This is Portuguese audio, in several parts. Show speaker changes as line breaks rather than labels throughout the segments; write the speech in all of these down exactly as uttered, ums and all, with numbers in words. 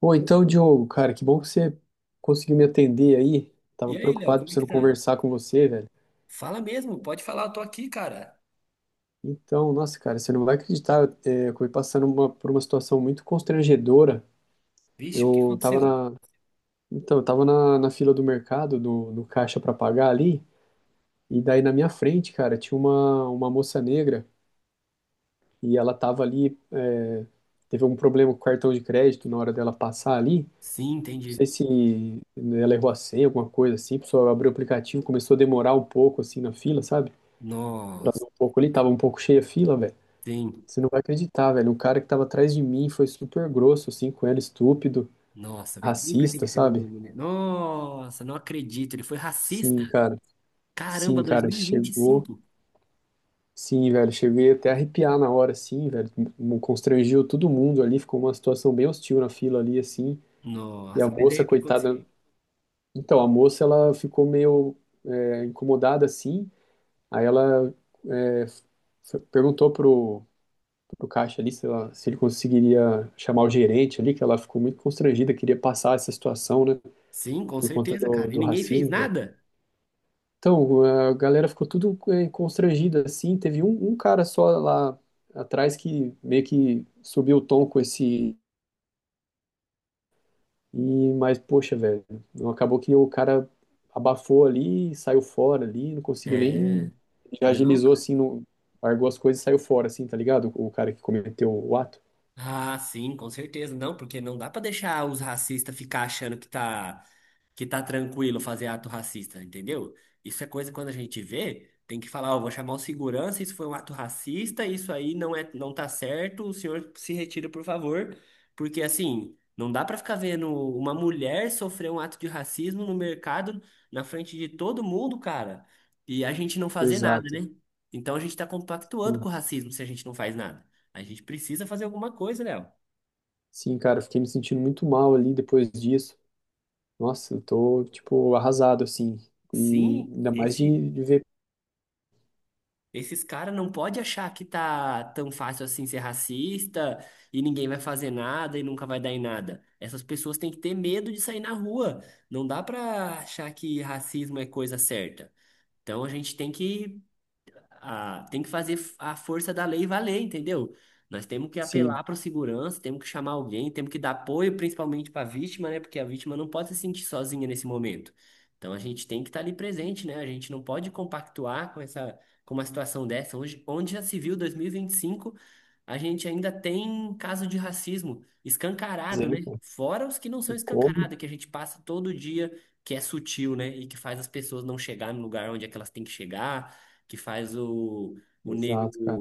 Pô, então, Diogo, cara, que bom que você conseguiu me atender aí. Tava
E aí, Léo,
preocupado
como é que
precisando
tá?
conversar com você, velho.
Fala mesmo, pode falar, eu tô aqui, cara.
Então, nossa, cara, você não vai acreditar, é, eu, eh, acabei passando uma- por uma situação muito constrangedora.
Vixe, o que
Eu tava
aconteceu?
na, então, eu tava na, na fila do mercado, do, no caixa pra pagar ali, e daí na minha frente, cara, tinha uma, uma moça negra e ela tava ali, eh, teve um problema com o cartão de crédito na hora dela passar ali.
Sim,
Sei
entendi.
se ela errou a senha, alguma coisa assim, a pessoa abriu o aplicativo, começou a demorar um pouco assim na fila, sabe?
Nossa,
Atrasou um pouco ali, tava um pouco cheia a fila, velho.
sim.
Você não vai acreditar, velho. O cara que tava atrás de mim foi super grosso, assim, com ela, estúpido,
Nossa, velho, sempre tem
racista,
que ser um
sabe?
homem, né? Nossa, não acredito, ele foi racista.
Sim, cara. Sim,
Caramba,
cara, chegou.
dois mil e vinte e cinco.
Sim, velho, cheguei até a arrepiar na hora, assim, velho. Me constrangiu todo mundo ali, ficou uma situação bem hostil na fila ali, assim. E a
Nossa, mas aí
moça,
o que aconteceu?
coitada. Então, a moça, ela ficou meio é, incomodada, assim. Aí ela é, f- perguntou pro, pro caixa ali se, ela- se ele conseguiria chamar o gerente ali, que ela ficou muito constrangida, queria passar essa situação, né,
Sim, com
por conta
certeza,
do,
cara. E
do
ninguém fez
racismo, velho.
nada?
Então, a galera ficou tudo é, constrangida, assim, teve um, um cara só lá atrás que meio que subiu o tom com esse. E, mas, poxa, velho, não acabou que o cara abafou ali, saiu fora ali, não conseguiu
É,
nem. Já
não.
agilizou assim, não, largou as coisas e saiu fora, assim, tá ligado? O cara que cometeu o ato.
Ah, sim, com certeza. Não, porque não dá pra deixar os racistas ficar achando que tá que tá tranquilo fazer ato racista, entendeu? Isso é coisa que quando a gente vê, tem que falar, ó, vou chamar o segurança, isso foi um ato racista, isso aí não é não tá certo, o senhor se retira, por favor, porque assim, não dá pra ficar vendo uma mulher sofrer um ato de racismo no mercado na frente de todo mundo, cara, e a gente não fazer nada,
Exato.
né? Então a gente tá compactuando
Sim.
com o racismo se a gente não faz nada. A gente precisa fazer alguma coisa, Léo.
Sim, cara, eu fiquei me sentindo muito mal ali depois disso. Nossa, eu tô, tipo, arrasado, assim. E
Sim,
ainda mais
esse,
de, de ver,
esses caras não pode achar que tá tão fácil assim ser racista e ninguém vai fazer nada e nunca vai dar em nada. Essas pessoas têm que ter medo de sair na rua. Não dá pra achar que racismo é coisa certa. Então a gente tem que a- tem que fazer a força da lei valer, entendeu? Nós temos que
sim,
apelar para segurança, temos que chamar alguém, temos que dar apoio principalmente para a vítima, né? Porque a vítima não pode se sentir sozinha nesse momento. Então a gente tem que estar ali presente, né? A gente não pode compactuar com essa, com uma situação dessa. Hoje, onde já se viu dois mil e vinte e cinco, a gente ainda tem caso de racismo escancarado, né?
exemplo,
Fora os que não são
e como.
escancarados, que a gente passa todo dia, que é sutil, né? E que faz as pessoas não chegar no lugar onde é que elas têm que chegar que faz o, o negro
Exato, cara.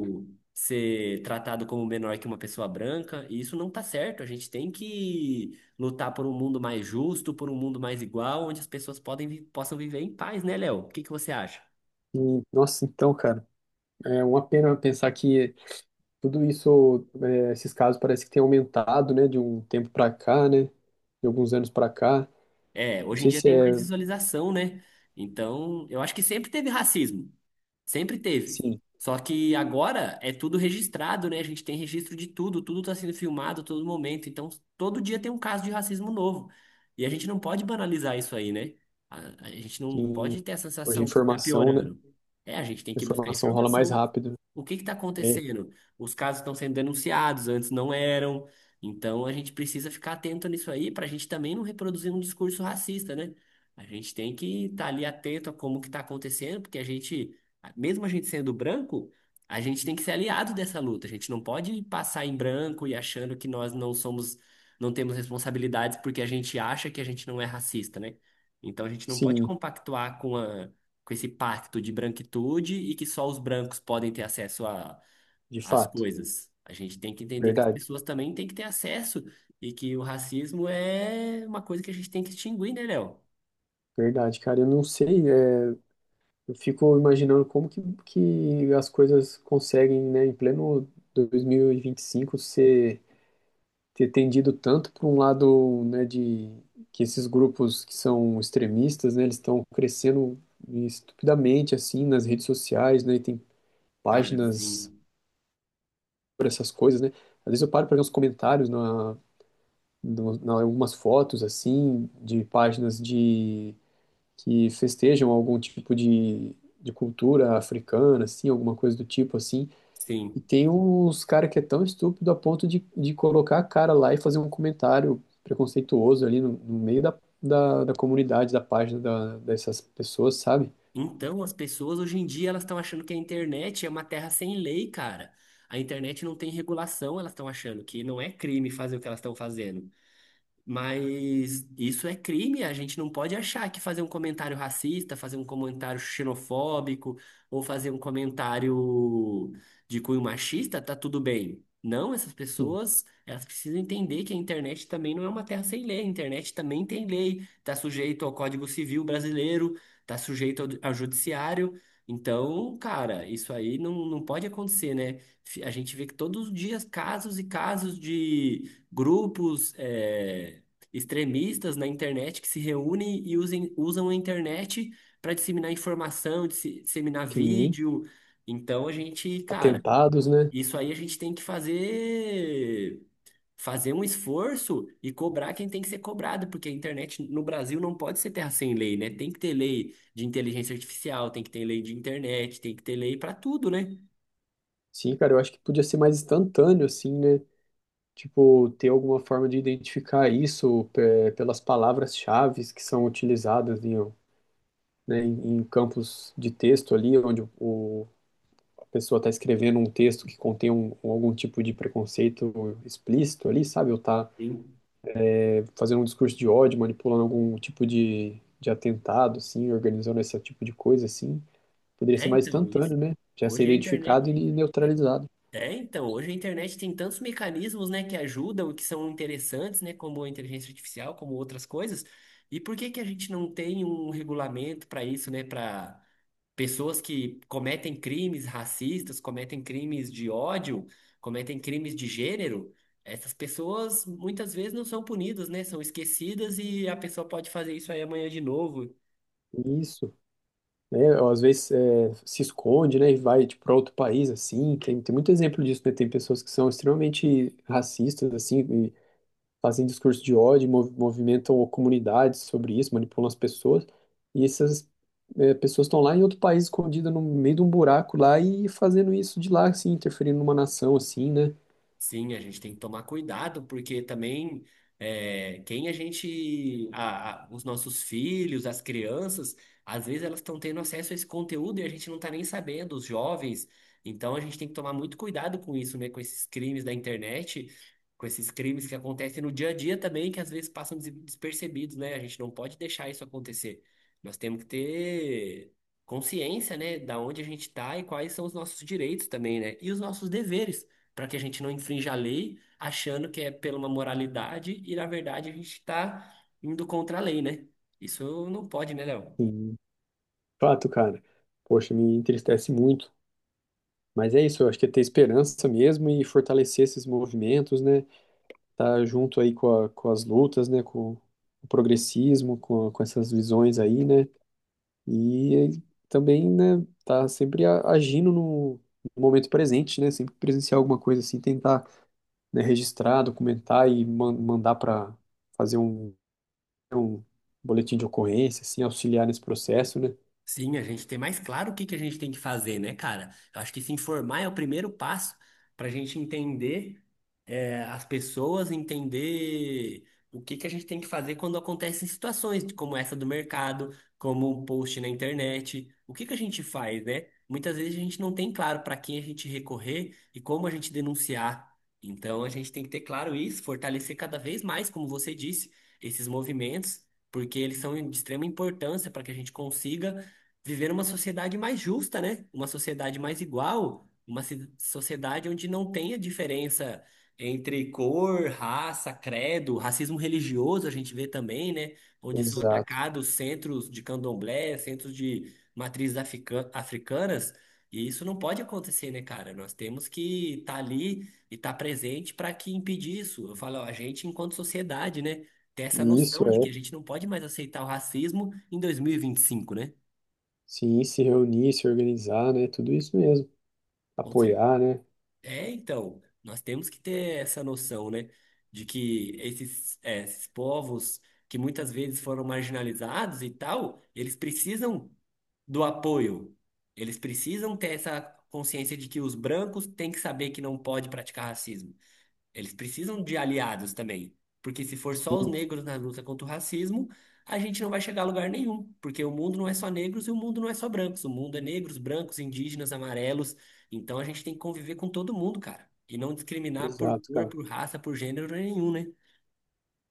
ser tratado como menor que uma pessoa branca, e isso não tá certo. A gente tem que lutar por um mundo mais justo, por um mundo mais igual, onde as pessoas podem, vi- possam viver em paz, né, Léo? O que que você acha?
E, nossa, então, cara, é uma pena pensar que tudo isso, é, esses casos parece que tem aumentado, né, de um tempo para cá, né, de alguns anos para cá.
É,
Não
hoje em
sei
dia
se
tem mais
é,
visualização, né? Então, eu acho que sempre teve racismo. Sempre teve.
sim,
Só que agora é tudo registrado, né? A gente tem registro de tudo, tudo tá sendo filmado a todo momento. Então, todo dia tem um caso de racismo novo. E a gente não pode banalizar isso aí, né? A, a gente não
que
pode ter a
hoje a
sensação que tá
informação, né,
piorando. É, a gente tem
a
que buscar
informação rola mais
informação.
rápido.
O que que tá
É,
acontecendo? Os casos estão sendo denunciados, antes não eram. Então a gente precisa ficar atento nisso aí para a gente também não reproduzir um discurso racista, né? A gente tem que estar ali atento a como que está acontecendo, porque a gente, mesmo a gente sendo branco, a gente tem que ser aliado dessa luta. A gente não pode passar em branco e achando que nós não somos, não temos responsabilidades porque a gente acha que a gente não é racista, né? Então a gente não pode
sim,
compactuar com a, com esse pacto de branquitude e que só os brancos podem ter acesso
de
as
fato,
coisas. A gente tem que entender que as
verdade,
pessoas também têm que ter acesso e que o racismo é uma coisa que a gente tem que extinguir, né, Léo?
verdade, cara. Eu não sei, é, eu fico imaginando como que, que as coisas conseguem, né, em pleno dois mil e vinte e cinco ser ter tendido tanto para um lado, né, de que esses grupos que são extremistas, né, eles estão crescendo estupidamente assim nas redes sociais, né, e tem
Cara,
páginas
sim,
por essas coisas, né? Às vezes eu paro para ver uns comentários na, no- na algumas fotos assim de páginas de que festejam algum tipo de, de cultura africana, assim, alguma coisa do tipo assim. E
sim.
tem uns cara que é tão estúpido a ponto de, de colocar a cara lá e fazer um comentário preconceituoso ali no, no meio da, da, da comunidade, da página da, dessas pessoas, sabe?
Então, as pessoas hoje em dia elas estão achando que a internet é uma terra sem lei, cara. A internet não tem regulação, elas estão achando que não é crime fazer o que elas estão fazendo. Mas isso é crime, a gente não pode achar que fazer um comentário racista, fazer um comentário xenofóbico ou fazer um comentário de cunho machista tá tudo bem. Não, essas
Sim.
pessoas, elas precisam entender que a internet também não é uma terra sem lei, a internet também tem lei, tá sujeito ao Código Civil brasileiro, tá sujeito ao, ao judiciário. Então, cara, isso aí não, não pode acontecer, né? Fi- A gente vê que todos os dias casos e casos de grupos eh, extremistas na internet que se reúnem e usem, usam a internet para disseminar informação, disse- disseminar
Sim.
vídeo. Então a gente, cara,
Atentados, né?
isso aí a gente tem que fazer fazer um esforço e cobrar quem tem que ser cobrado, porque a internet no Brasil não pode ser terra sem lei, né? Tem que ter lei de inteligência artificial, tem que ter lei de internet, tem que ter lei para tudo, né?
Sim, cara, eu acho que podia ser mais instantâneo, assim, né? Tipo, ter alguma forma de identificar isso pe- pelas palavras-chaves que são utilizadas em, né, em, em campos de texto ali, onde o pessoa está escrevendo um texto que contém um, um- algum tipo de preconceito explícito ali, sabe? Ou está
Sim.
fazendo um discurso de ódio, manipulando algum tipo de, de atentado, assim, organizando esse tipo de coisa, assim. Poderia
É,
ser mais
então, isso.
instantâneo, né? Já ser
Hoje a internet
identificado e neutralizado.
É, então, hoje a internet tem tantos mecanismos, né, que ajudam, que são interessantes, né, como a inteligência artificial, como outras coisas. E por que que a gente não tem um regulamento para isso, né, para pessoas que cometem crimes racistas, cometem crimes de ódio, cometem crimes de gênero? Essas pessoas muitas vezes não são punidas, né, são esquecidas e a pessoa pode fazer isso aí amanhã de novo.
Isso. Né? Às vezes é, se esconde, né? E vai tipo, para outro país, assim. Tem, tem muito exemplo disso, né? Tem pessoas que são extremamente racistas, assim, fazem discurso de ódio, mov- movimentam comunidades sobre isso, manipulam as pessoas, e essas eh, pessoas estão lá em outro país, escondidas no meio de um buraco lá e fazendo isso de lá, assim, interferindo numa nação, assim, né?
Sim, a gente tem que tomar cuidado, porque também é, quem a gente, a- a- os nossos filhos, as crianças, às vezes elas estão tendo acesso a esse conteúdo e a gente não está nem sabendo, os jovens. Então a gente tem que tomar muito cuidado com isso, né? Com esses crimes da internet, com esses crimes que acontecem no dia a dia também, que às vezes passam des- despercebidos, né? A gente não pode deixar isso acontecer. Nós temos que ter consciência, né, da onde a gente está e quais são os nossos direitos também, né? E os nossos deveres para que a gente não infrinja a lei, achando que é pela uma moralidade e na verdade a gente está indo contra a lei, né? Isso não pode, né, Léo?
Sim, fato, cara. Poxa, me entristece muito. Mas é isso, eu acho que é ter esperança mesmo e fortalecer esses movimentos, né? Tá junto aí com, a- com as lutas, né? Com o progressismo, com, com essas visões aí, né? E ele também, né, tá sempre a- agindo no no momento presente, né, sempre presenciar alguma coisa assim, tentar, né, registrar, documentar e man- mandar para fazer um, um boletim de ocorrência, assim, auxiliar nesse processo, né?
Sim, a gente ter mais claro o que que a gente tem que fazer, né, cara? Eu acho que se informar é o primeiro passo para a gente entender. É, as pessoas entender o que que a gente tem que fazer quando acontecem situações como essa do mercado, como um post na internet. O que que a gente faz, né? Muitas vezes a gente não tem claro para quem a gente recorrer e como a gente denunciar. Então a gente tem que ter claro isso, fortalecer cada vez mais, como você disse, esses movimentos, porque eles são de extrema importância para que a gente consiga viver uma sociedade mais justa, né? Uma sociedade mais igual, uma ci- sociedade onde não tenha diferença entre cor, raça, credo, racismo religioso a gente vê também, né? Onde são
Exato.
atacados centros de candomblé, centros de matrizes africa- africanas. E isso não pode acontecer, né, cara? Nós temos que estar ali e estar presente para que impedir isso. Eu falo, ó, a gente, enquanto sociedade, né, ter essa
E isso
noção de que
é,
a gente não pode mais aceitar o racismo em dois mil e vinte e cinco, né?
sim, se reunir, se organizar, né, tudo isso mesmo,
Com certeza.
apoiar, né?
É, então, nós temos que ter essa noção, né, de que esses, é, esses povos que muitas vezes foram marginalizados e tal, eles precisam do apoio, eles precisam ter essa consciência de que os brancos têm que saber que não pode praticar racismo. Eles precisam de aliados também. Porque se for só os
Sim,
negros na luta contra o racismo, a gente não vai chegar a lugar nenhum. Porque o mundo não é só negros e o mundo não é só brancos. O mundo é negros, brancos, indígenas, amarelos. Então a gente tem que conviver com todo mundo, cara. E não discriminar por
exato,
cor,
cara.
por raça, por gênero nenhum, né?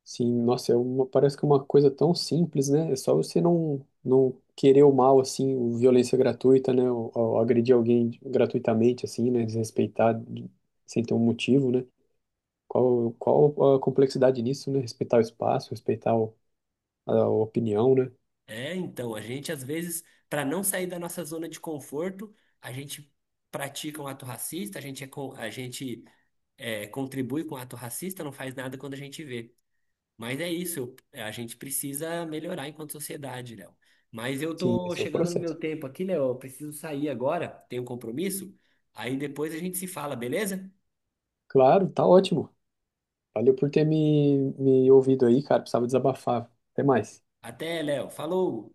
Sim, nossa, é uma, parece que é uma coisa tão simples, né? É só você não, não querer o mal, assim, o violência gratuita, né? Ou, ou agredir alguém gratuitamente, assim, né? Desrespeitar de- sem ter um motivo, né? Qual, qual a complexidade nisso, né? Respeitar o espaço, respeitar o- a, opinião, né?
É, então, a gente às vezes, para não sair da nossa zona de conforto, a gente pratica um ato racista, a gente, é, co- a gente é, contribui com o ato racista, não faz nada quando a gente vê. Mas é isso, eu- é, a gente precisa melhorar enquanto sociedade, Léo. Mas eu
Sim,
tô
esse é o
chegando no meu
processo.
tempo aqui, Léo, eu preciso sair agora, tenho um compromisso. Aí depois a gente se fala, beleza?
Claro, tá ótimo. Valeu por ter me, me ouvido aí, cara. Precisava desabafar. Até mais.
Até, Léo. Falou!